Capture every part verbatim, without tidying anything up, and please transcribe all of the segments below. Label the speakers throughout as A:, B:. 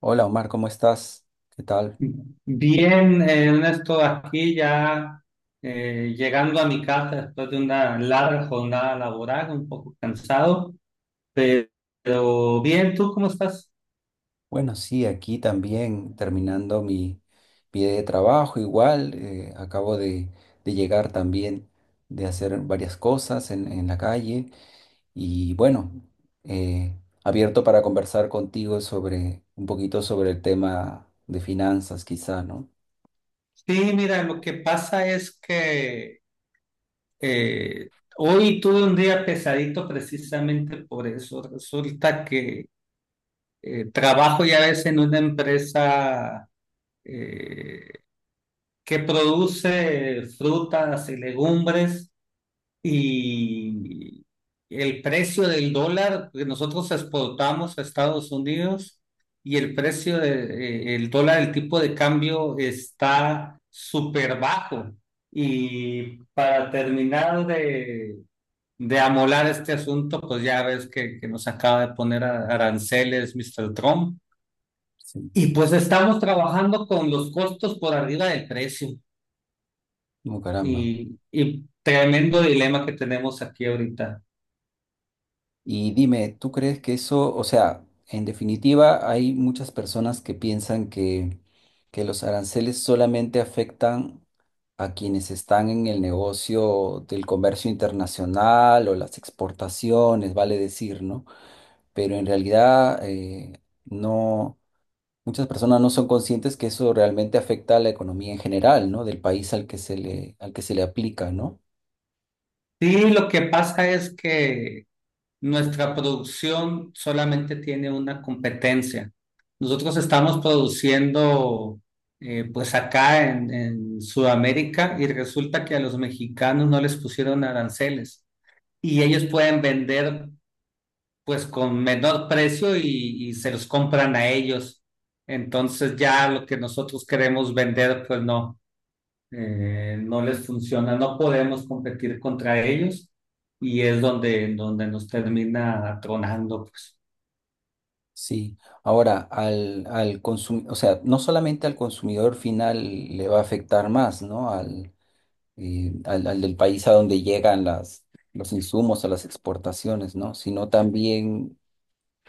A: Hola Omar, ¿cómo estás? ¿Qué tal?
B: Bien, eh, Ernesto, aquí ya eh, llegando a mi casa después de una larga jornada laboral, un poco cansado, pe- pero bien, ¿tú cómo estás?
A: Bueno, sí, aquí también terminando mi, mi día de trabajo, igual eh, acabo de, de llegar también de hacer varias cosas en, en la calle y bueno, eh, abierto para conversar contigo sobre un poquito sobre el tema de finanzas, quizá, ¿no?
B: Sí, mira, lo que pasa es que eh, hoy tuve un día pesadito precisamente por eso. Resulta que eh, trabajo ya ves en una empresa eh, que produce frutas y legumbres. Y el precio del dólar que nosotros exportamos a Estados Unidos y el precio del dólar, el tipo de cambio está súper bajo. Y para terminar de, de amolar este asunto, pues ya ves que, que nos acaba de poner a- aranceles, Mister Trump.
A: Sí,
B: Y pues estamos trabajando con los costos por arriba del precio.
A: como caramba.
B: Y, y tremendo dilema que tenemos aquí ahorita.
A: Y dime, ¿tú crees que eso, o sea, en definitiva, hay muchas personas que piensan que, que los aranceles solamente afectan a quienes están en el negocio del comercio internacional o las exportaciones, vale decir, ¿no? Pero en realidad, eh, no, muchas personas no son conscientes que eso realmente afecta a la economía en general, ¿no? Del país al que se le, al que se le aplica, ¿no?
B: Sí, lo que pasa es que nuestra producción solamente tiene una competencia. Nosotros estamos produciendo eh, pues acá en, en Sudamérica, y resulta que a los mexicanos no les pusieron aranceles y ellos pueden vender pues con menor precio y, y se los compran a ellos. Entonces ya lo que nosotros queremos vender pues no eh, no les funciona, no podemos competir contra ellos y es donde, donde nos termina tronando, pues.
A: Sí, ahora al, al consum- o sea, no solamente al consumidor final le va a afectar más, ¿no? Al, eh, al, al del país a donde llegan las, los insumos o las exportaciones, ¿no? Sino también,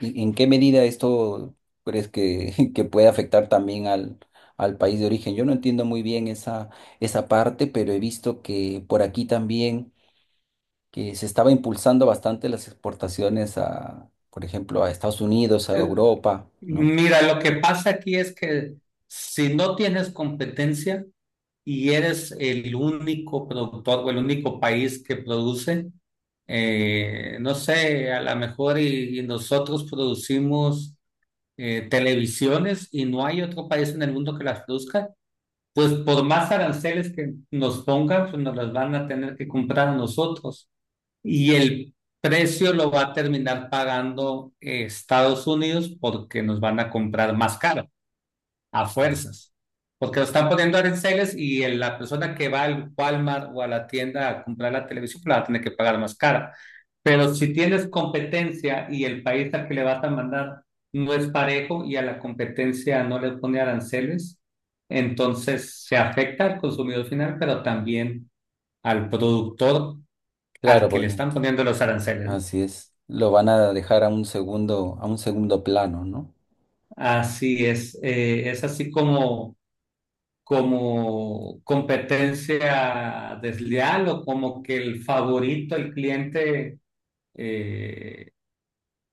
A: ¿y- ¿en qué medida esto crees que, que puede afectar también al, al país de origen? Yo no entiendo muy bien esa, esa parte, pero he visto que por aquí también que se estaba impulsando bastante las exportaciones a, por ejemplo, a Estados Unidos, a
B: Eh,
A: Europa, ¿no?
B: Mira, lo que pasa aquí es que si no tienes competencia y eres el único productor o el único país que produce, eh, no sé, a lo mejor y, y nosotros producimos eh, televisiones y no hay otro país en el mundo que las produzca. Pues por más aranceles que nos pongan, pues nos las van a tener que comprar a nosotros. Y el precio lo va a terminar pagando eh, Estados Unidos, porque nos van a comprar más caro a
A: Ah,
B: fuerzas, porque lo están poniendo aranceles y el- la persona que va al Walmart o a la tienda a comprar la televisión pues la va a tener que pagar más cara. Pero si tienes competencia y el país al que le vas a mandar no es parejo y a la competencia no le pone aranceles, entonces se afecta al consumidor final, pero también al productor
A: claro,
B: al que le
A: porque
B: están poniendo los aranceles, ¿no?
A: así es. Lo van a dejar a un segundo, a un segundo plano, ¿no?
B: Así es, eh, es así como como competencia desleal, o como que el favorito, el cliente, eh,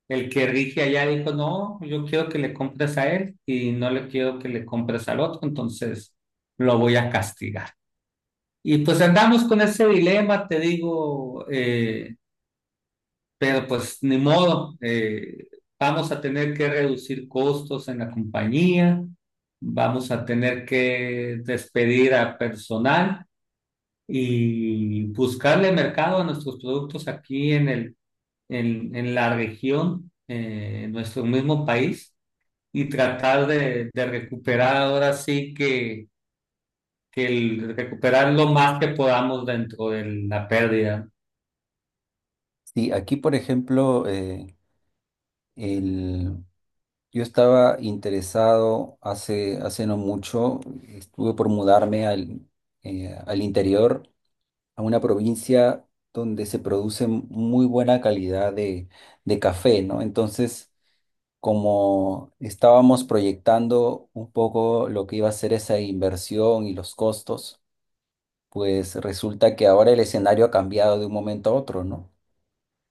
B: el que rige allá dijo: no, yo quiero que le compres a él y no le quiero que le compres al otro, entonces lo voy a castigar. Y pues andamos con ese dilema, te digo, eh, pero pues ni modo, eh, vamos a tener que reducir costos en la compañía, vamos a tener que despedir a personal y buscarle mercado a nuestros productos aquí en el, en, en la región, eh, en nuestro mismo país, y tratar de, de recuperar, ahora sí que, que el, recuperar lo más que podamos dentro de la pérdida.
A: Sí, aquí, por ejemplo, eh, el, yo estaba interesado hace, hace no mucho, estuve por mudarme al, eh, al interior, a una provincia donde se produce muy buena calidad de, de café, ¿no? Entonces, como estábamos proyectando un poco lo que iba a ser esa inversión y los costos, pues resulta que ahora el escenario ha cambiado de un momento a otro, ¿no?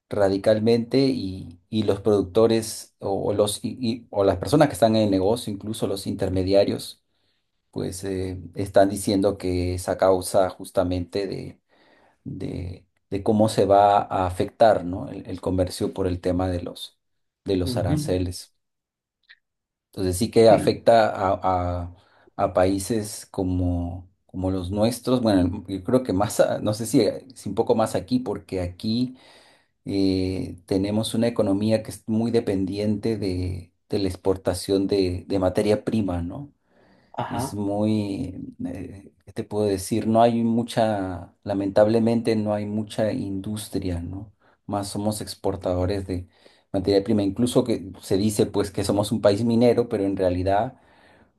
A: Radicalmente y, y los productores o, o los, y- y- o las personas que están en el negocio, incluso los intermediarios, pues eh, están diciendo que es a causa justamente de, de, de cómo se va a afectar, ¿no? el, el comercio por el tema de los, de los
B: Ujú.
A: aranceles. Entonces sí que
B: Sí,
A: afecta a, a- a países como, como los nuestros. Bueno, yo creo que más, a- no sé si, si un poco más aquí, porque aquí eh, tenemos una economía que es muy dependiente de, de la exportación de, de materia prima, ¿no? Es
B: ajá.
A: muy, eh, ¿qué te puedo decir? No hay mucha, lamentablemente no hay mucha industria, ¿no? Más somos exportadores de materia prima. Incluso que se dice pues que somos un país minero, pero en realidad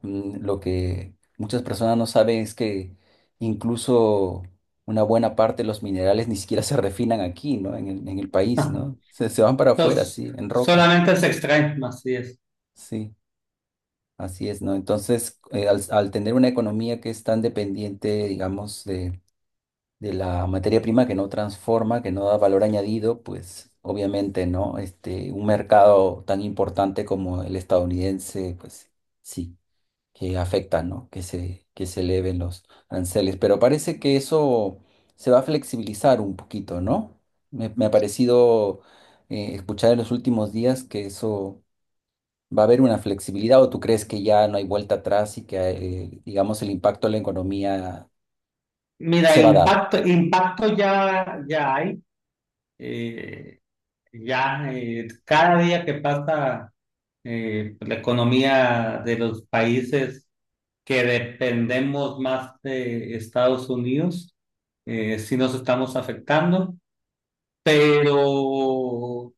A: mm, lo que muchas personas no saben es que incluso una buena parte de los minerales ni siquiera se refinan aquí, ¿no? En el, en el país, ¿no? Se, se van para afuera,
B: Entonces,
A: sí, en roca,
B: solamente se extraen, así es.
A: sí. Así es, ¿no? Entonces, eh, al, al tener una economía que es tan dependiente, digamos, de, de la materia prima que no transforma, que no da valor añadido, pues obviamente, ¿no? Este, un mercado tan importante como el estadounidense, pues sí, que afecta, ¿no? Que se, que se eleven los aranceles. Pero parece que eso se va a flexibilizar un poquito, ¿no? Me, me ha parecido eh, escuchar en los últimos días que eso ¿Va a haber una flexibilidad o tú crees que ya no hay vuelta atrás y que, eh, digamos, el impacto en la economía
B: Mira,
A: se va a dar?
B: impacto, impacto ya, ya hay. eh, ya eh, cada día que pasa eh, la economía de los países que dependemos más de Estados Unidos, eh, sí nos estamos afectando, pero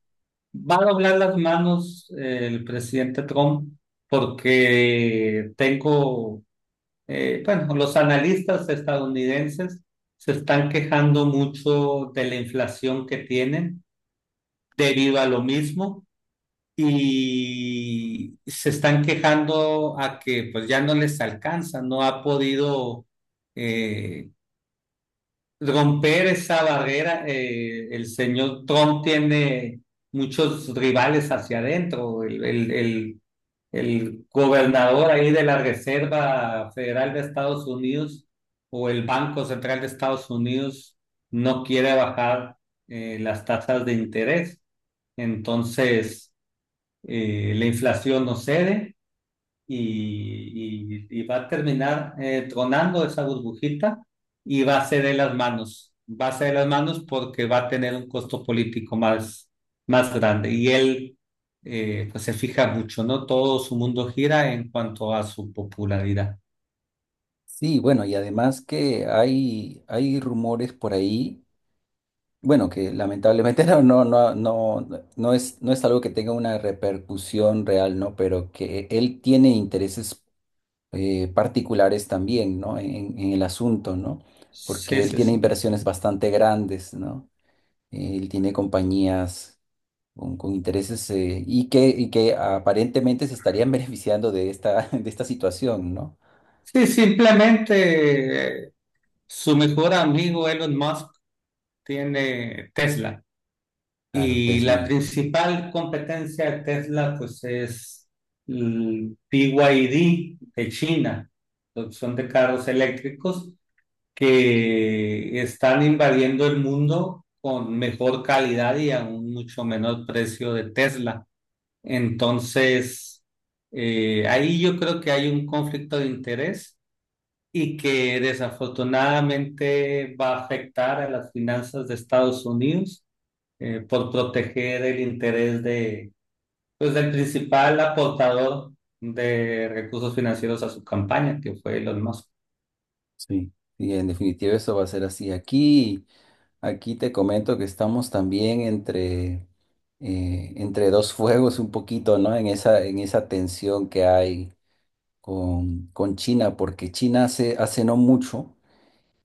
B: va a doblar las manos eh, el presidente Trump, porque tengo, eh, bueno, los analistas estadounidenses se están quejando mucho de la inflación que tienen debido a lo mismo, y se están quejando a que pues ya no les alcanza, no ha podido eh, romper esa barrera. Eh, el señor Trump tiene muchos rivales hacia adentro, el, el, el, el gobernador ahí de la Reserva Federal de Estados Unidos o el Banco Central de Estados Unidos no quiere bajar eh, las tasas de interés. Entonces, eh, la inflación no cede y, y- y va a terminar eh, tronando esa burbujita, y va a ceder las manos, va a ceder las manos, porque va a tener un costo político más, más grande. Y él eh, pues se fija mucho, ¿no? Todo su mundo gira en cuanto a su popularidad.
A: Sí, bueno, y además que hay, hay rumores por ahí, bueno, que lamentablemente no, no, no, no, no es, no es algo que tenga una repercusión real, ¿no? Pero que él tiene intereses eh, particulares también, ¿no? En, en el asunto, ¿no?
B: Sí,
A: Porque él
B: sí,
A: tiene
B: sí.
A: inversiones bastante grandes, ¿no? Él tiene compañías con, con intereses eh, y que, y que aparentemente se estarían beneficiando de esta, de esta situación, ¿no?
B: Sí, simplemente eh, su mejor amigo Elon Musk tiene Tesla.
A: Claro,
B: Y
A: Tesla.
B: la
A: Y-
B: principal competencia de Tesla, pues es el B Y D de China, producción de carros eléctricos que están invadiendo el mundo con mejor calidad y a un mucho menor precio de Tesla. Entonces, eh, ahí yo creo que hay un conflicto de interés y que desafortunadamente va a afectar a las finanzas de Estados Unidos eh, por proteger el interés de, pues, del principal aportador de recursos financieros a su campaña, que fue Elon Musk.
A: Sí. Sí, en definitiva eso va a ser así. Aquí, aquí te comento que estamos también entre, eh, entre dos fuegos un poquito, ¿no? En esa, en esa tensión que hay con, con China, porque China hace, hace no mucho.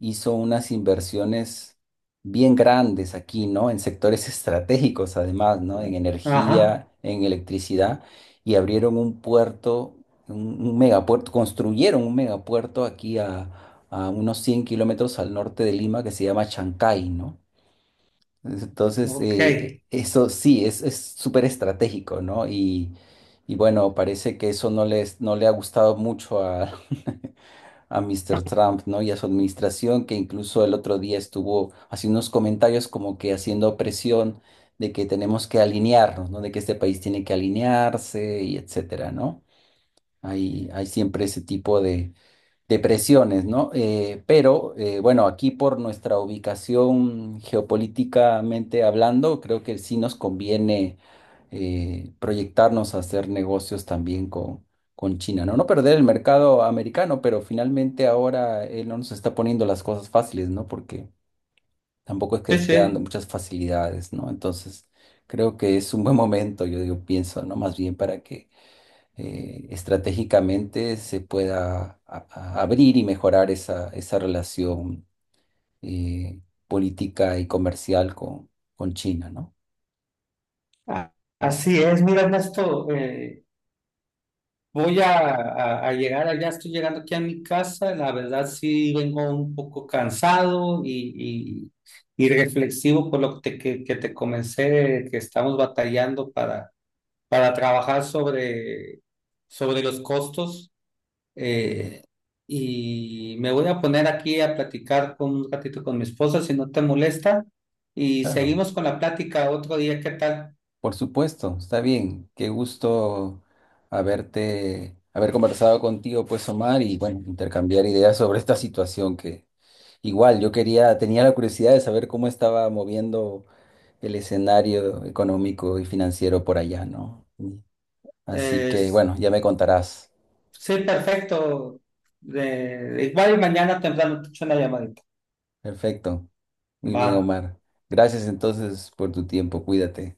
A: Hizo unas inversiones bien grandes aquí, ¿no? En sectores estratégicos, además, ¿no? En
B: Ajá,
A: energía, en electricidad, y abrieron un puerto, un, un megapuerto, construyeron un megapuerto aquí a, a unos cien kilómetros al norte de Lima que se llama Chancay, ¿no? Entonces,
B: ok.
A: eh, eh, eso sí, es, es súper estratégico, ¿no? Y, y bueno, parece que eso no les, no le ha gustado mucho a, a Míster Trump, ¿no? Y a su administración, que incluso el otro día estuvo haciendo unos comentarios como que haciendo presión de que tenemos que alinearnos, ¿no? De que este país tiene que alinearse y etcétera, ¿no? Hay, hay siempre ese tipo de, depresiones, ¿no? Eh, pero eh, bueno, aquí por nuestra ubicación geopolíticamente hablando, creo que sí nos conviene eh, proyectarnos a hacer negocios también con, con China, ¿no? No perder el mercado americano, pero finalmente ahora él no nos está poniendo las cosas fáciles, ¿no? Porque tampoco es que
B: Sí,
A: esté dando
B: sí.
A: muchas facilidades, ¿no? Entonces, creo que es un buen momento, yo digo, pienso, ¿no? Más bien para que eh, estratégicamente se pueda a- a- abrir y mejorar esa, esa relación eh, política y comercial con, con China, ¿no?
B: A- Así es, mira, Ernesto, eh, voy a, a- a llegar allá, estoy llegando aquí a mi casa, la verdad sí vengo un poco cansado y, y, y reflexivo por lo que te, que, que te comencé, que estamos batallando para, para trabajar sobre, sobre los costos. Eh, y me voy a poner aquí a platicar con un ratito con mi esposa, si no te molesta. Y
A: Claro,
B: seguimos con la plática otro día, ¿qué tal?
A: por supuesto, está bien. Qué gusto haberte, haber conversado contigo, pues, Omar, y bueno, intercambiar ideas sobre esta situación que igual yo quería, tenía la curiosidad de saber cómo estaba moviendo el escenario económico y financiero por allá, ¿no? Así
B: Eh,
A: que bueno, ya me contarás.
B: sí, perfecto. De- igual y mañana temprano te echo una llamadita.
A: Perfecto. Muy
B: Va.
A: bien, Omar. Gracias entonces por tu tiempo. Cuídate.